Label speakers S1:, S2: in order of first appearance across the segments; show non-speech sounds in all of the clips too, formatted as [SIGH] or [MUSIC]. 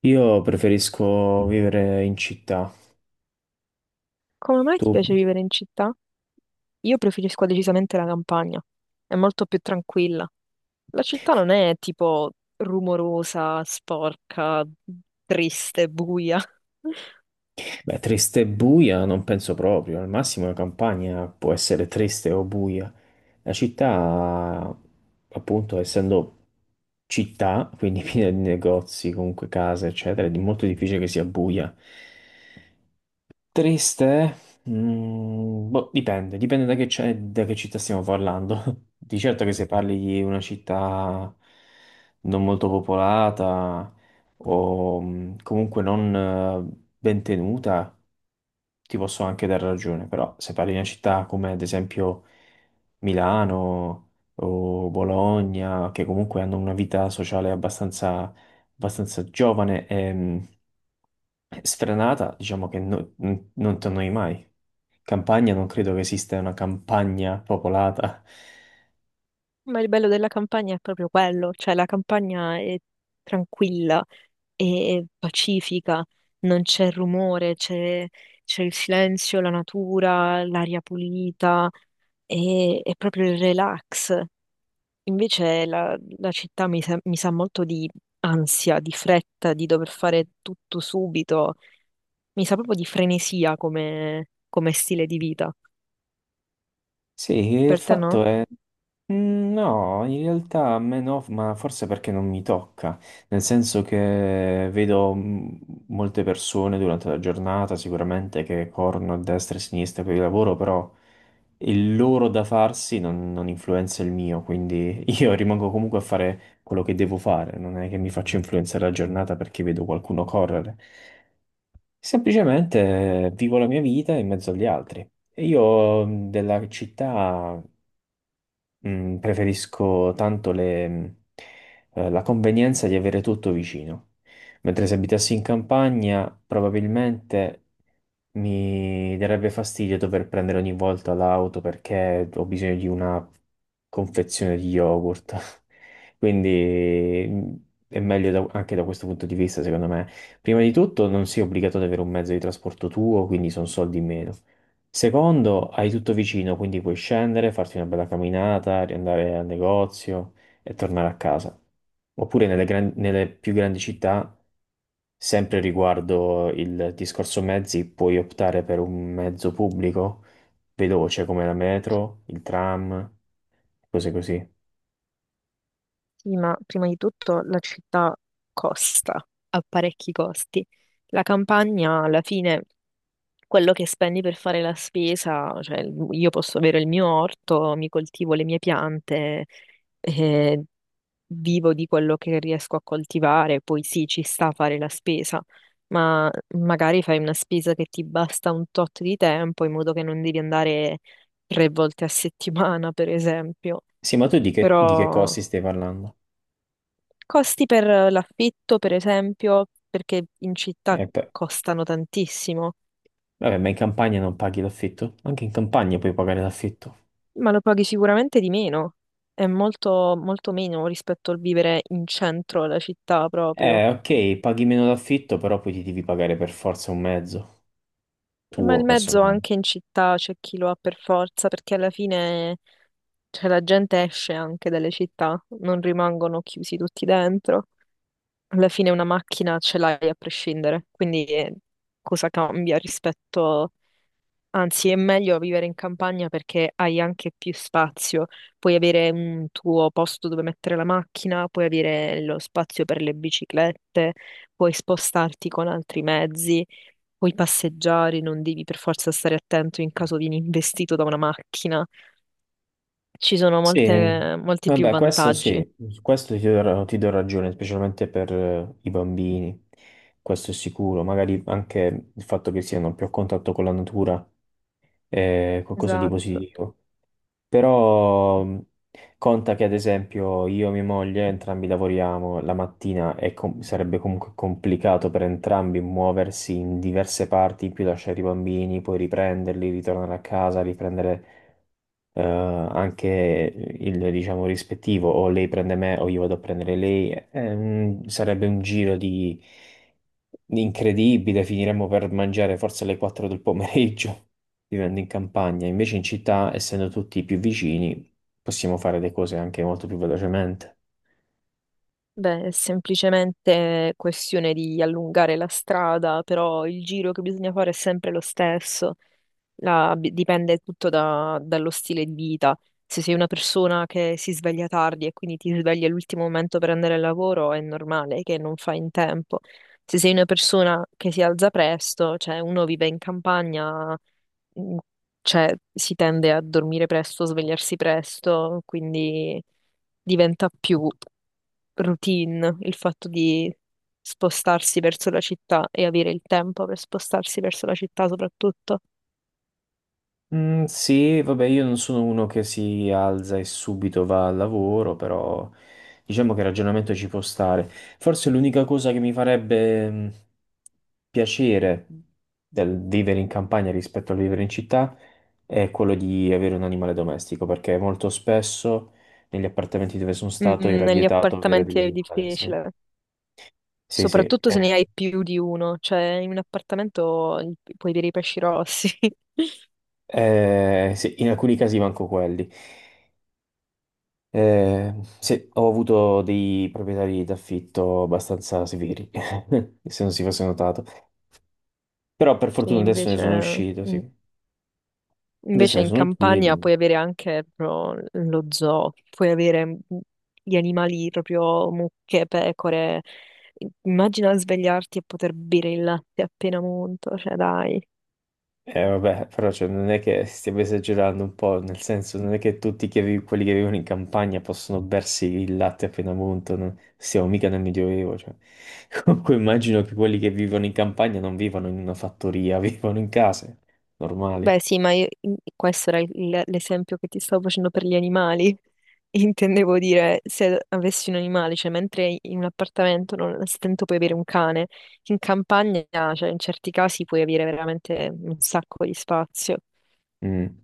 S1: Io preferisco vivere in città.
S2: Come mai
S1: Tu,
S2: ti piace vivere in città? Io preferisco decisamente la campagna, è molto più tranquilla. La città non è tipo rumorosa, sporca, triste, buia. [LAUGHS]
S1: beh, triste e buia non penso proprio. Al massimo la campagna può essere triste o buia. La città, appunto, essendo città, quindi [LAUGHS] piena di negozi, comunque case, eccetera, è molto difficile che sia buia. Triste? Eh? Boh, dipende, dipende da che, da che città stiamo parlando. [LAUGHS] Di certo che se parli di una città non molto popolata o comunque non ben tenuta, ti posso anche dare ragione, però se parli di una città come ad esempio Milano o Bologna, che comunque hanno una vita sociale abbastanza, abbastanza giovane, sfrenata, diciamo che non ti annoi mai. Campagna, non credo che esista una campagna popolata.
S2: Ma il bello della campagna è proprio quello, cioè la campagna è tranquilla, è pacifica, non c'è rumore, c'è il silenzio, la natura, l'aria pulita, è proprio il relax. Invece la città mi sa molto di ansia, di fretta, di dover fare tutto subito. Mi sa proprio di frenesia come, come stile di vita.
S1: Sì, il
S2: Per te no?
S1: fatto è. No, in realtà a me no, ma forse perché non mi tocca, nel senso che vedo molte persone durante la giornata sicuramente che corrono a destra e a sinistra per il lavoro, però il loro da farsi non influenza il mio, quindi io [LAUGHS] rimango comunque a fare quello che devo fare, non è che mi faccio influenzare la giornata perché vedo qualcuno correre, semplicemente vivo la mia vita in mezzo agli altri. E io della città preferisco tanto la convenienza di avere tutto vicino, mentre se abitassi in campagna probabilmente mi darebbe fastidio dover prendere ogni volta l'auto perché ho bisogno di una confezione di yogurt. [LAUGHS] Quindi è meglio anche da questo punto di vista, secondo me. Prima di tutto, non sei obbligato ad avere un mezzo di trasporto tuo, quindi sono soldi in meno. Secondo, hai tutto vicino, quindi puoi scendere, farti una bella camminata, riandare al negozio e tornare a casa. Oppure nelle più grandi città, sempre riguardo il discorso mezzi, puoi optare per un mezzo pubblico veloce come la metro, il tram, cose così.
S2: Sì, ma prima di tutto la città costa, ha parecchi costi. La campagna, alla fine, quello che spendi per fare la spesa, cioè io posso avere il mio orto, mi coltivo le mie piante, eh, vivo di quello che riesco a coltivare, poi sì, ci sta a fare la spesa, ma magari fai una spesa che ti basta un tot di tempo in modo che non devi andare tre volte a settimana, per esempio.
S1: Sì, ma tu di che
S2: Però
S1: costi stai parlando?
S2: costi per l'affitto, per esempio, perché in città
S1: E poi-
S2: costano tantissimo,
S1: Vabbè, ma in campagna non paghi l'affitto? Anche in campagna puoi pagare l'affitto.
S2: ma lo paghi sicuramente di meno. È molto, molto meno rispetto al vivere in centro alla città proprio.
S1: Ok, paghi meno d'affitto, però poi ti devi pagare per forza un mezzo
S2: Ma
S1: tuo
S2: il mezzo
S1: personale.
S2: anche in città c'è chi lo ha per forza, perché alla fine, cioè, la gente esce anche dalle città, non rimangono chiusi tutti dentro. Alla fine una macchina ce l'hai a prescindere, quindi cosa cambia rispetto... Anzi, è meglio vivere in campagna perché hai anche più spazio, puoi avere un tuo posto dove mettere la macchina, puoi avere lo spazio per le biciclette, puoi spostarti con altri mezzi. Puoi passeggiare, non devi per forza stare attento in caso vieni investito da una macchina. Ci sono
S1: Sì,
S2: molti più
S1: vabbè, questo
S2: vantaggi.
S1: sì, su questo ti do ragione, specialmente per i bambini, questo è sicuro. Magari anche il fatto che siano più a contatto con la natura è qualcosa di
S2: Esatto.
S1: positivo. Però conta che ad esempio io e mia moglie entrambi lavoriamo la mattina e sarebbe comunque complicato per entrambi muoversi in diverse parti, in più lasciare i bambini, poi riprenderli, ritornare a casa, riprendere anche il, diciamo, rispettivo, o lei prende me o io vado a prendere lei, è sarebbe un giro di incredibile, finiremmo per mangiare forse alle 4 del pomeriggio, [LAUGHS] vivendo in campagna. Invece in città, essendo tutti più vicini, possiamo fare le cose anche molto più velocemente.
S2: Beh, è semplicemente questione di allungare la strada, però il giro che bisogna fare è sempre lo stesso. Dipende tutto dallo stile di vita. Se sei una persona che si sveglia tardi e quindi ti svegli all'ultimo momento per andare al lavoro, è normale che non fai in tempo. Se sei una persona che si alza presto, cioè uno vive in campagna, mh, cioè si tende a dormire presto, svegliarsi presto, quindi diventa più routine il fatto di spostarsi verso la città e avere il tempo per spostarsi verso la città soprattutto.
S1: Sì, vabbè, io non sono uno che si alza e subito va al lavoro, però diciamo che il ragionamento ci può stare. Forse l'unica cosa che mi farebbe piacere del vivere in campagna rispetto al vivere in città è quello di avere un animale domestico, perché molto spesso negli appartamenti dove sono stato era
S2: Negli
S1: vietato avere
S2: appartamenti
S1: degli
S2: è
S1: animali. Sì,
S2: difficile,
S1: sì, sì.
S2: soprattutto se
S1: Eh,
S2: ne hai più di uno, cioè in un appartamento puoi avere i pesci rossi. [LAUGHS]
S1: sì, in alcuni casi manco quelli. Eh, sì, ho avuto dei proprietari d'affitto abbastanza severi, [LAUGHS] se non si fosse notato. Però per
S2: Sì,
S1: fortuna adesso ne
S2: invece,
S1: sono uscito, sì.
S2: in-
S1: Adesso
S2: invece
S1: ne
S2: in
S1: sono
S2: campagna
S1: uscito.
S2: puoi avere anche proprio lo zoo, puoi avere gli animali proprio mucche, pecore, immagina svegliarti e poter bere il latte appena monto, cioè dai.
S1: Vabbè, però cioè, non è che stiamo esagerando un po', nel senso, non è che quelli che vivono in campagna possono bersi il latte appena munto, siamo mica nel Medioevo, cioè. [LAUGHS] Comunque immagino che quelli che vivono in campagna non vivono in una fattoria, [LAUGHS] vivono in case normali.
S2: Beh, sì, ma questo era l'esempio che ti stavo facendo per gli animali. [LAUGHS] Intendevo dire, se avessi un animale, cioè mentre in un appartamento non al stento puoi avere un cane, in campagna, cioè in certi casi puoi avere veramente un sacco di spazio.
S1: Mm.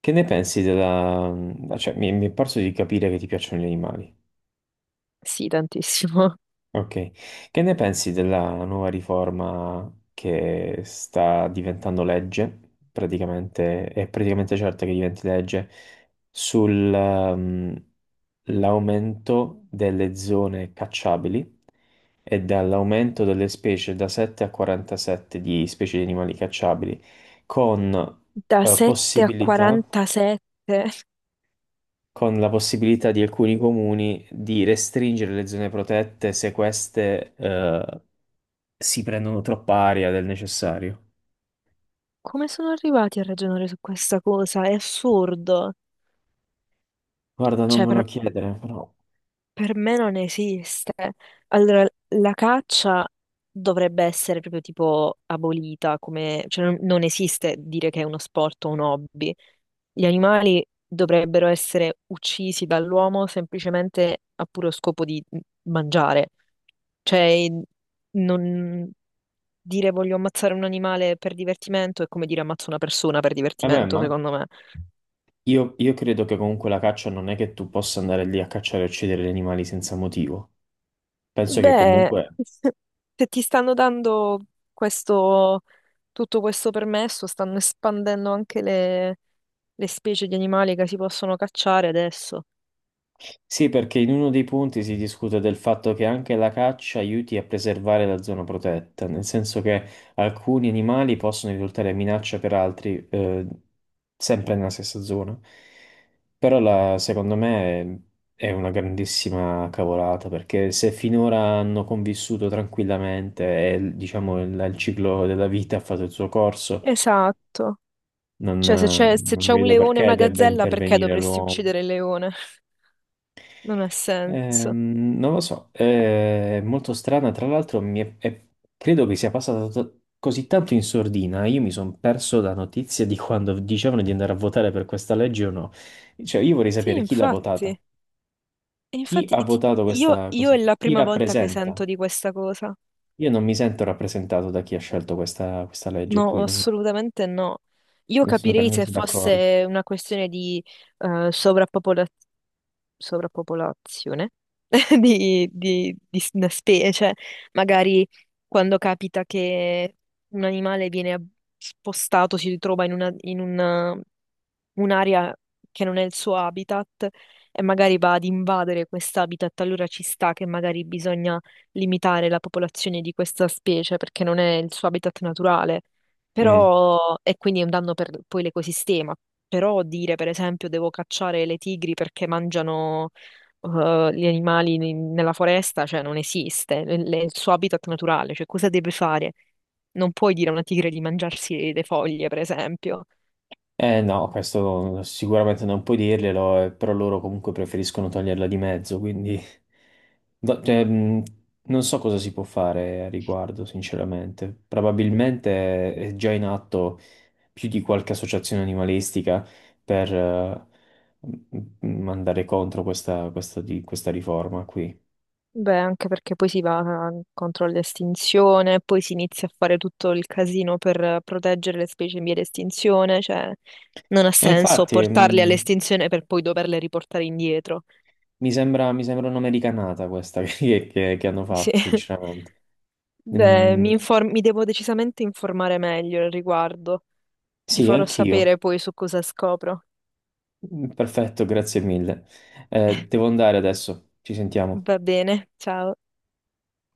S1: Che ne pensi della... mhmm, cioè, mi è parso di capire che ti piacciono gli animali.
S2: Sì, tantissimo. [LAUGHS]
S1: Ok. Che ne pensi della nuova riforma che sta diventando legge, praticamente, è praticamente certa che diventi legge, sull'aumento delle zone cacciabili e dall'aumento delle specie da 7 a 47 di specie di animali cacciabili, con
S2: Da 7 a
S1: possibilità
S2: 47.
S1: con la possibilità di alcuni comuni di restringere le zone protette se queste si prendono troppa aria del necessario.
S2: Come sono arrivati a ragionare su questa cosa? È assurdo.
S1: Guarda, non
S2: Cioè,
S1: me lo
S2: per
S1: chiedere, però.
S2: Per me non esiste. Allora, la caccia dovrebbe essere proprio tipo abolita, come, cioè non esiste dire che è uno sport o un hobby. Gli animali dovrebbero essere uccisi dall'uomo semplicemente a puro scopo di mangiare. Cioè, non dire voglio ammazzare un animale per divertimento è come dire ammazzo una persona per
S1: Vabbè,
S2: divertimento,
S1: ma
S2: secondo me.
S1: io credo che comunque la caccia non è che tu possa andare lì a cacciare e uccidere gli animali senza motivo. Penso che
S2: Beh,
S1: comunque
S2: [LAUGHS] se ti stanno dando questo, tutto questo permesso, stanno espandendo anche le specie di animali che si possono cacciare adesso.
S1: sì, perché in uno dei punti si discute del fatto che anche la caccia aiuti a preservare la zona protetta, nel senso che alcuni animali possono risultare minaccia per altri, sempre nella stessa zona. Secondo me è una grandissima cavolata, perché se finora hanno convissuto tranquillamente e diciamo il ciclo della vita ha fatto il suo corso,
S2: Esatto. Cioè, se
S1: non
S2: c'è un
S1: vedo
S2: leone e
S1: perché
S2: una
S1: debba
S2: gazzella, perché
S1: intervenire
S2: dovresti
S1: l'uomo.
S2: uccidere il leone? [LAUGHS] Non ha senso.
S1: Non lo so, è molto strana. Tra l'altro, credo che sia passata così tanto in sordina. Io mi sono perso la notizia di quando dicevano di andare a votare per questa legge o no. Cioè, io vorrei
S2: Sì,
S1: sapere chi l'ha votata,
S2: infatti. E
S1: chi
S2: infatti
S1: ha votato questa
S2: io è
S1: cosa,
S2: la
S1: chi
S2: prima volta che
S1: rappresenta.
S2: sento di questa cosa.
S1: Io non mi sento rappresentato da chi ha scelto questa, questa legge qui,
S2: No,
S1: non,
S2: assolutamente no. Io
S1: non sono per
S2: capirei se
S1: niente d'accordo.
S2: fosse una questione di eh, sovrappopolazione sovrappopolazione [LAUGHS] di, una specie, magari quando capita che un animale viene spostato, si ritrova un'area che non è il suo habitat e magari va ad invadere quest'habitat, allora ci sta che magari bisogna limitare la popolazione di questa specie perché non è il suo habitat naturale.
S1: Mm.
S2: Però, e quindi è un danno per poi l'ecosistema. Però dire, per esempio, devo cacciare le tigri perché mangiano gli animali nella foresta, cioè non esiste, il suo habitat naturale, cioè cosa deve fare? Non puoi dire a una tigre di mangiarsi le foglie, per esempio.
S1: Eh no, questo sicuramente non puoi dirglielo, però loro comunque preferiscono toglierla di mezzo, quindi cioè, non so cosa si può fare a riguardo, sinceramente. Probabilmente è già in atto più di qualche associazione animalistica per andare contro questa, questa riforma qui.
S2: Beh, anche perché poi si va contro l'estinzione, poi si inizia a fare tutto il casino per proteggere le specie in via di estinzione, cioè non ha
S1: Ma
S2: senso
S1: infatti,
S2: portarle all'estinzione per poi doverle riportare indietro.
S1: mi sembra un'americanata questa [LAUGHS] che hanno
S2: Sì.
S1: fatto,
S2: [LAUGHS]
S1: sinceramente.
S2: Beh,
S1: Mm,
S2: mi devo decisamente informare meglio al riguardo. Ti
S1: sì,
S2: farò
S1: anch'io.
S2: sapere poi su cosa scopro.
S1: Perfetto, grazie mille. Devo andare adesso, ci sentiamo.
S2: Va bene, ciao.